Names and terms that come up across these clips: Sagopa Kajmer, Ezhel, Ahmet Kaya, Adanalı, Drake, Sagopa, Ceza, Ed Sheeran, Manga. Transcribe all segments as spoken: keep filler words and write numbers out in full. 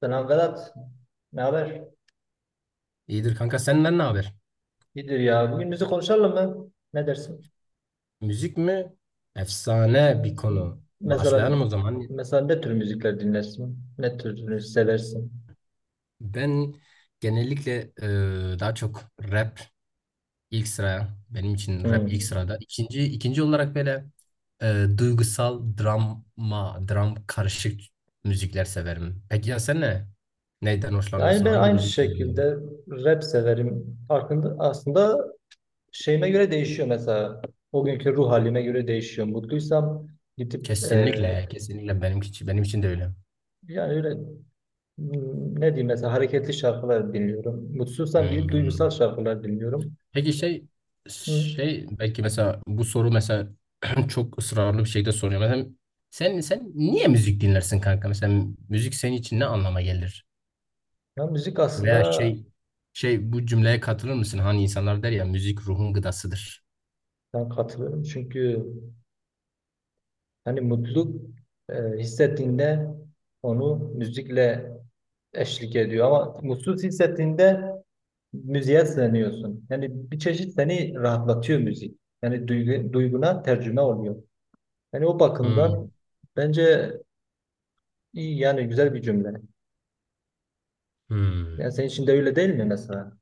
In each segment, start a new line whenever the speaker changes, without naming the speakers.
Selam Vedat. Ne haber?
İyidir kanka, senden ne haber?
İyidir ya. Bugün müzik konuşalım mı? Ne dersin?
Müzik mi? Efsane
Evet.
bir konu.
Mesela
Başlayalım o zaman.
mesela ne tür müzikler dinlersin? Ne türünü seversin?
Ben genellikle e, daha çok rap ilk sıraya. Benim için rap ilk
Hmm.
sırada. İkinci, ikinci olarak böyle e, duygusal drama, dram karışık müzikler severim. Peki ya sen ne? Neyden
Yani
hoşlanırsın?
ben
Hangi
aynı
müzik türünden?
şekilde rap severim. Farkında, aslında şeyime göre değişiyor mesela. O günkü ruh halime göre değişiyor. Mutluysam gidip e,
Kesinlikle, kesinlikle benim için, benim için de öyle.
yani öyle hmm, ne diyeyim mesela hareketli şarkılar dinliyorum. Mutsuzsam gidip duygusal
Hmm.
şarkılar dinliyorum.
Peki şey
Hmm.
şey belki mesela bu soru mesela çok ısrarlı bir şekilde soruyor. Mesela sen sen niye müzik dinlersin kanka? Mesela müzik senin için ne anlama gelir?
Ya müzik
Veya
aslında
şey şey bu cümleye katılır mısın? Hani insanlar der ya, müzik ruhun gıdasıdır.
ben katılıyorum çünkü hani mutluluk e, hissettiğinde onu müzikle eşlik ediyor ama mutsuz hissettiğinde müziğe sığınıyorsun. Yani bir çeşit seni rahatlatıyor müzik. Yani duygu, duyguna tercüme oluyor. Yani o
Hmm.
bakımdan bence iyi yani güzel bir cümle.
Hmm.
Yani senin için de öyle değil mi mesela?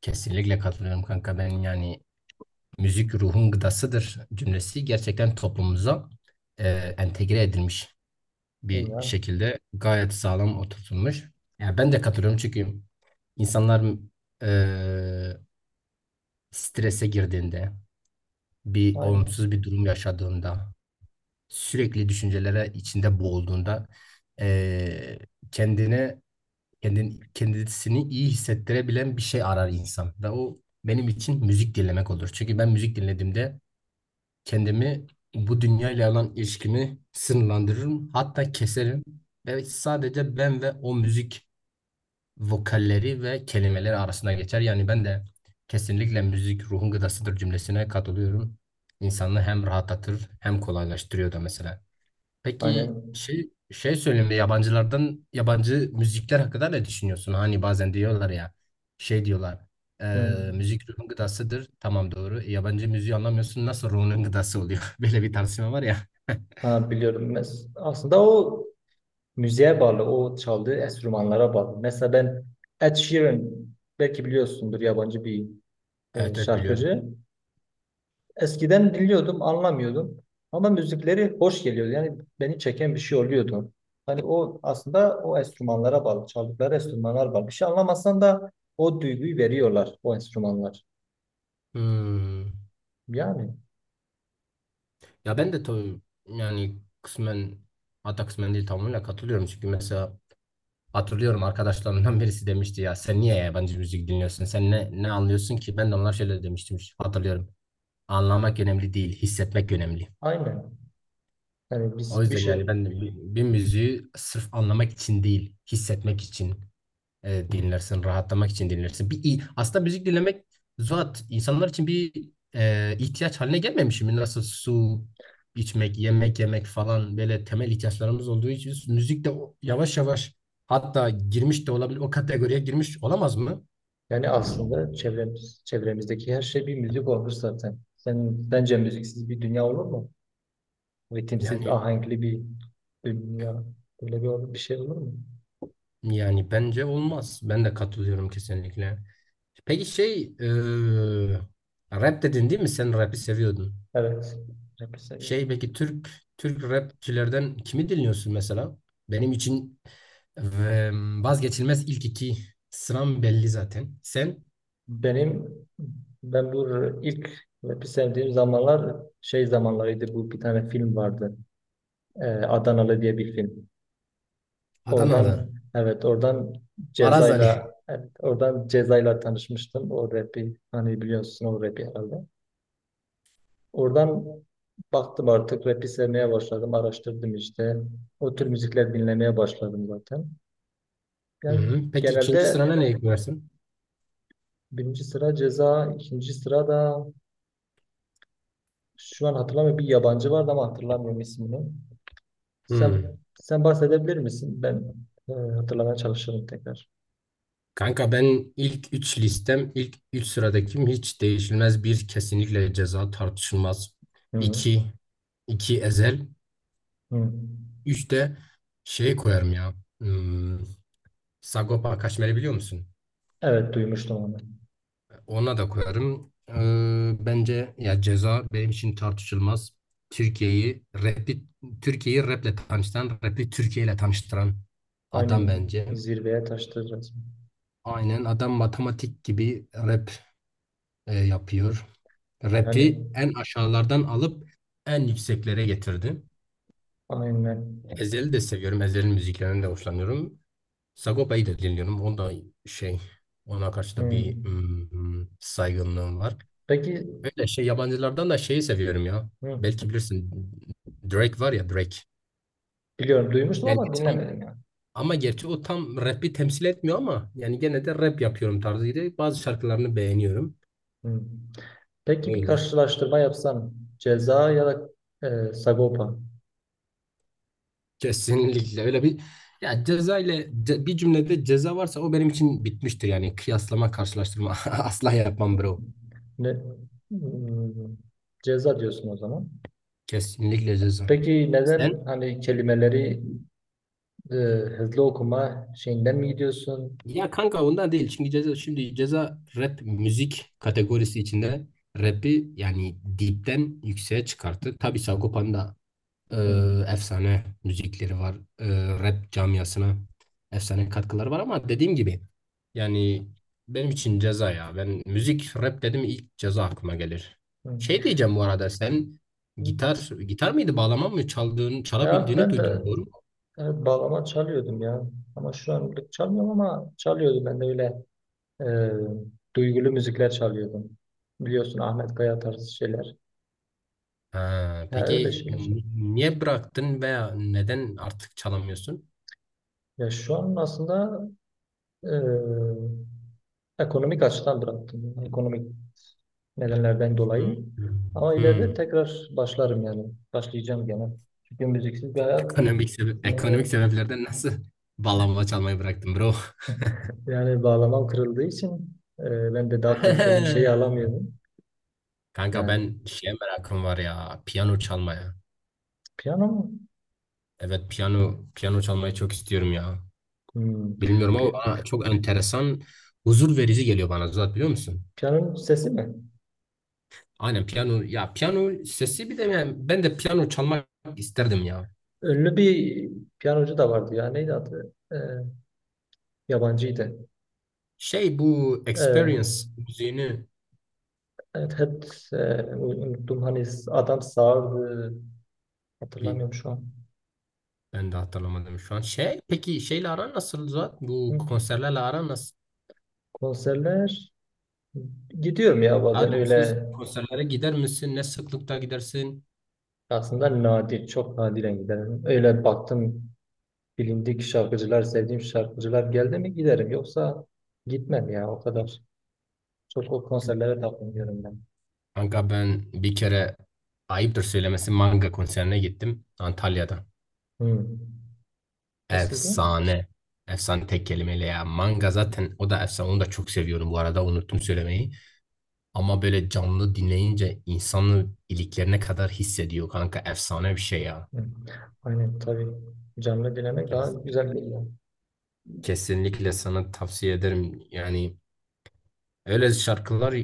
Kesinlikle katılıyorum kanka. Ben yani müzik ruhun gıdasıdır cümlesi gerçekten toplumumuza e, entegre edilmiş, bir
Yani,
şekilde gayet sağlam oturtulmuş. Yani ben de katılıyorum çünkü insanlar e, strese girdiğinde, bir
aynen.
olumsuz bir durum yaşadığında, sürekli düşüncelere içinde boğulduğunda, e, kendine kendin, kendisini iyi hissettirebilen bir şey arar insan. Ve o benim için müzik dinlemek olur. Çünkü ben müzik dinlediğimde kendimi, bu dünyayla olan ilişkimi sınırlandırırım. Hatta keserim. Ve sadece ben ve o müzik, vokalleri ve kelimeleri arasında geçer. Yani ben de kesinlikle müzik ruhun gıdasıdır cümlesine katılıyorum. İnsanı hem rahatlatır hem kolaylaştırıyor da mesela. Peki
Aynen.
şey şey söyleyeyim de yabancılardan, yabancı müzikler hakkında ne düşünüyorsun? Hani bazen diyorlar ya, şey diyorlar
Hı.
eee, müzik ruhun gıdasıdır. Tamam doğru. E, yabancı müziği anlamıyorsun, nasıl ruhunun gıdası oluyor? Böyle bir tartışma var ya.
Ha, biliyorum. Mes- Aslında o müziğe bağlı, o çaldığı enstrümanlara bağlı. Mesela ben Ed Sheeran belki biliyorsundur yabancı bir e,
Evet evet biliyorum.
şarkıcı. Eskiden dinliyordum, anlamıyordum ama müzikleri hoş geliyordu. Yani beni çeken bir şey oluyordu. Hani o aslında o enstrümanlara bağlı, çaldıkları enstrümanlar bağlı. Bir şey anlamasan da o duyguyu veriyorlar o enstrümanlar.
Hmm.
Yani
Ya
yani
ben de tabii yani kısmen, hatta kısmen değil tamamıyla katılıyorum. Çünkü mesela hatırlıyorum, arkadaşlarımdan birisi demişti ya, sen niye yabancı müzik dinliyorsun? Sen ne, ne anlıyorsun ki? Ben de onlar şöyle demiştim hatırlıyorum. Anlamak önemli değil, hissetmek önemli.
aynen. Yani
O
biz bir
yüzden yani
şey
ben de bir, bir müziği sırf anlamak için değil, hissetmek için e, dinlersin, rahatlamak için dinlersin. Bir, i- aslında müzik dinlemek zat insanlar için bir e, ihtiyaç haline gelmemiş mi? Nasıl su içmek, yemek yemek falan böyle temel ihtiyaçlarımız olduğu için, müzik de o- yavaş yavaş hatta girmiş de olabilir, o kategoriye girmiş olamaz mı?
yani aslında çevremiz, çevremizdeki her şey bir müzik olur zaten. Sen bence müziksiz bir dünya olur mu? Ritimsiz,
Yani
ahenkli bir dünya. Böyle bir, bir şey olur mu?
Yani bence olmaz. Ben de katılıyorum kesinlikle. Peki şey eee, rap dedin değil mi? Sen rap'i seviyordun.
Evet. Rap'i
Şey,
seviyorum ben.
peki Türk Türk rapçilerden kimi dinliyorsun mesela? Benim için eee, vazgeçilmez ilk iki sıram belli zaten. Sen.
Benim ben bu ilk rap'i sevdiğim zamanlar şey zamanlarıydı. Bu bir tane film vardı. Ee, Adanalı diye bir film.
Adanalı.
Oradan evet oradan
Maraz Ali.
Ceza'yla evet, oradan Ceza'yla tanışmıştım. O rap'i hani biliyorsun o rap'i herhalde. Oradan baktım artık rap'i sevmeye başladım. Araştırdım işte. O tür müzikler dinlemeye başladım zaten.
Hı
Yani
hı. Peki ikinci
genelde
sırana ne ekliyorsun?
birinci sıra ceza, ikinci sıra da şu an hatırlamıyorum bir yabancı vardı ama hatırlamıyorum ismini. Sen
Hı.
sen bahsedebilir misin? Ben e, hatırlamaya çalışırım tekrar.
Kanka ben ilk üç listem ilk üç sıradakim hiç değişilmez, bir kesinlikle Ceza tartışılmaz.
Hı
İki, iki Ezel.
hı.
Üçte şey koyarım ya. Hmm, Sagopa Kajmer'i biliyor musun?
Evet duymuştum onu.
Ona da koyarım. Ee, bence ya Ceza benim için tartışılmaz. Türkiye'yi rapi, Türkiye'yi raple tanıştıran, rapi Türkiye ile tanıştıran adam
Aynen
bence.
zirveye taştı resmen.
Aynen, adam matematik gibi rap e, yapıyor.
Yani
Rap'i en aşağılardan alıp en yükseklere getirdi.
aynen.
Ezhel'i de seviyorum. Ezhel'in müziklerinden de hoşlanıyorum. Sagopa'yı da dinliyorum. O da şey, ona karşı da
Hı.
bir mm, saygınlığım var.
Peki
Böyle şey, yabancılardan da şeyi seviyorum ya.
hı.
Belki bilirsin, Drake var ya, Drake.
Biliyorum duymuştum
Yani
ama
tam-
dinlemedim yani.
Ama gerçi o tam rap'i temsil etmiyor ama yani gene de rap yapıyorum tarzıydı. Bazı şarkılarını beğeniyorum.
Hı. Peki bir
Öyle.
karşılaştırma yapsan ceza ya da e, Sagopa.
Kesinlikle öyle bir, ya ceza ile ce- bir cümlede Ceza varsa o benim için bitmiştir. Yani kıyaslama, karşılaştırma asla yapmam bro.
Hmm. Ne, hmm, ceza diyorsun o zaman.
Kesinlikle Ceza.
Peki
Sen?
neden hani kelimeleri e, hızlı okuma şeyinden mi gidiyorsun?
Ya kanka ondan değil. Çünkü Ceza, şimdi Ceza rap müzik kategorisi içinde rap'i yani dipten yükseğe çıkarttı. Tabii Sagopa'nın da
Hmm,
e, efsane müzikleri var. E, rap camiasına efsane katkıları var ama dediğim gibi yani benim için Ceza ya. Ben müzik rap dedim, ilk Ceza aklıma gelir.
hmm,
Şey diyeceğim bu arada, sen
hmm.
gitar gitar mıydı, bağlama mı çaldığını
Ya
çalabildiğini
ben de
duydum, doğru mu?
e, bağlama çalıyordum ya. Ama şu anlık çalmıyorum ama çalıyordum ben de öyle e, duygulu müzikler çalıyordum. Biliyorsun Ahmet Kaya tarzı şeyler.
Ha,
Ha, öyle
peki
şeyler
n-
çalıyordum.
niye bıraktın veya neden artık çalamıyorsun?
Ya şu an aslında e, ekonomik açıdan bıraktım. Ekonomik nedenlerden
Hmm.
dolayı. Ama
Hmm.
ileride tekrar başlarım yani. Başlayacağım gene. Çünkü müziksiz bir hayat
Ekonomik sebep, ekonomik
sunamıyorum.
sebeplerden nasıl bağlama çalmayı bıraktın bro?
Yani bağlamam kırıldığı için e, ben de daha kaliteli bir şey alamıyorum.
Kanka
Yani
ben şeye merakım var ya, piyano çalmaya.
piyano mu?
Evet, piyano piyano çalmayı çok istiyorum ya.
Hmm.
Bilmiyorum ama
Pi-
bana çok enteresan, huzur verici geliyor, bana zaten, biliyor musun?
piyanonun sesi mi?
Aynen piyano, ya piyano sesi. Bir de yani ben de piyano çalmak isterdim ya.
Ünlü bir piyanocu da vardı ya. Neydi adı? E, yabancıydı.
Şey, bu
E,
Experience müziğini.
evet, hep e, unuttum. Hani adam sağırdı.
Bir
Hatırlamıyorum şu an.
ben de hatırlamadım şu an. Şey peki şeyle aran nasıl Zuhat? Bu
Hı.
konserlerle aran nasıl?
Konserler gidiyorum ya bazen
Daha
öyle
doğrusu konserlere gider misin? Ne sıklıkta gidersin?
aslında nadir, çok nadiren giderim. Öyle baktım bilindik şarkıcılar, sevdiğim şarkıcılar geldi mi giderim. Yoksa gitmem ya o kadar. Çok o konserlere takılmıyorum ben.
Kanka ben bir kere, ayıptır söylemesi, Manga konserine gittim Antalya'da.
Hı. Nasıldı?
Efsane. Efsane tek kelimeyle ya. Manga zaten o da efsane. Onu da çok seviyorum bu arada. Unuttum söylemeyi. Ama böyle canlı dinleyince insanı iliklerine kadar hissediyor kanka. Efsane bir şey
Hı. Aynen tabii canlı dinlemek
ya.
daha güzel geliyor.
Kesinlikle sana tavsiye ederim. Yani öyle şarkılar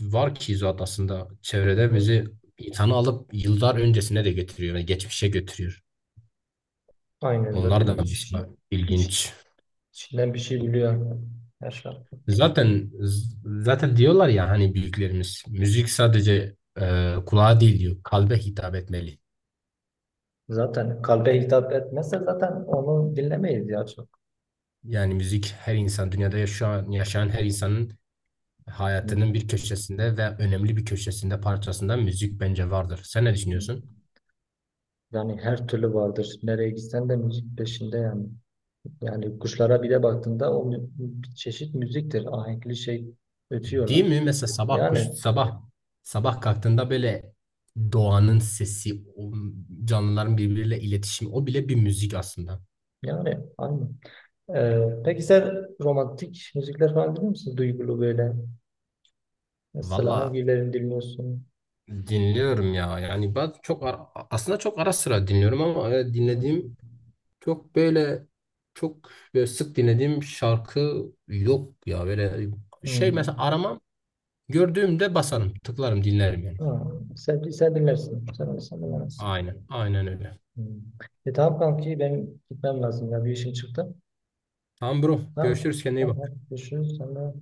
var ki zat aslında çevrede
Hı.
bizi insanı alıp yıllar öncesine de götürüyor. Yani geçmişe götürüyor.
Aynen
Onlar
zaten
da
iç,
mesela
iç,
ilginç.
içinden bir şey biliyor her şarkı.
Zaten Zaten diyorlar ya, hani büyüklerimiz, müzik sadece e, kulağa değil diyor, kalbe hitap etmeli.
Zaten kalbe hitap etmezse zaten onu dinlemeyiz ya çok.
Yani müzik, her insan dünyada yaşayan, yaşayan her insanın
Hı.
hayatının bir köşesinde, ve önemli bir köşesinde parçasında müzik bence vardır. Sen ne
Hı.
düşünüyorsun?
Yani her türlü vardır. Nereye gitsen de müzik peşinde yani. Yani kuşlara bir de baktığında o mü- bir çeşit müziktir. Ahenkli şey
Değil
ötüyorlar.
mi? Mesela sabah
Yani
kuş sabah sabah kalktığında böyle doğanın sesi, o canlıların birbiriyle iletişimi, o bile bir müzik aslında.
yani aynı. Ee, peki sen romantik müzikler falan dinliyor musun? Duygulu böyle. Mesela
Valla
hangilerini dinliyorsun?
dinliyorum ya. Yani ben çok ara- aslında çok ara sıra dinliyorum, ama e,
Hmm.
dinlediğim çok böyle çok böyle sık dinlediğim şarkı yok ya. Böyle şey
Hmm.
mesela, aramam, gördüğümde basarım, tıklarım, dinlerim yani.
Ha, sen, sen dinlersin. Sen olsan dinlemezsin.
Aynen, aynen öyle.
Hmm. E tamam kanki benim gitmem lazım ya. Bir işim çıktı.
Tamam bro.
Tamam.
Görüşürüz. Kendine iyi
Tamam.
bak.
Hadi görüşürüz. Sonra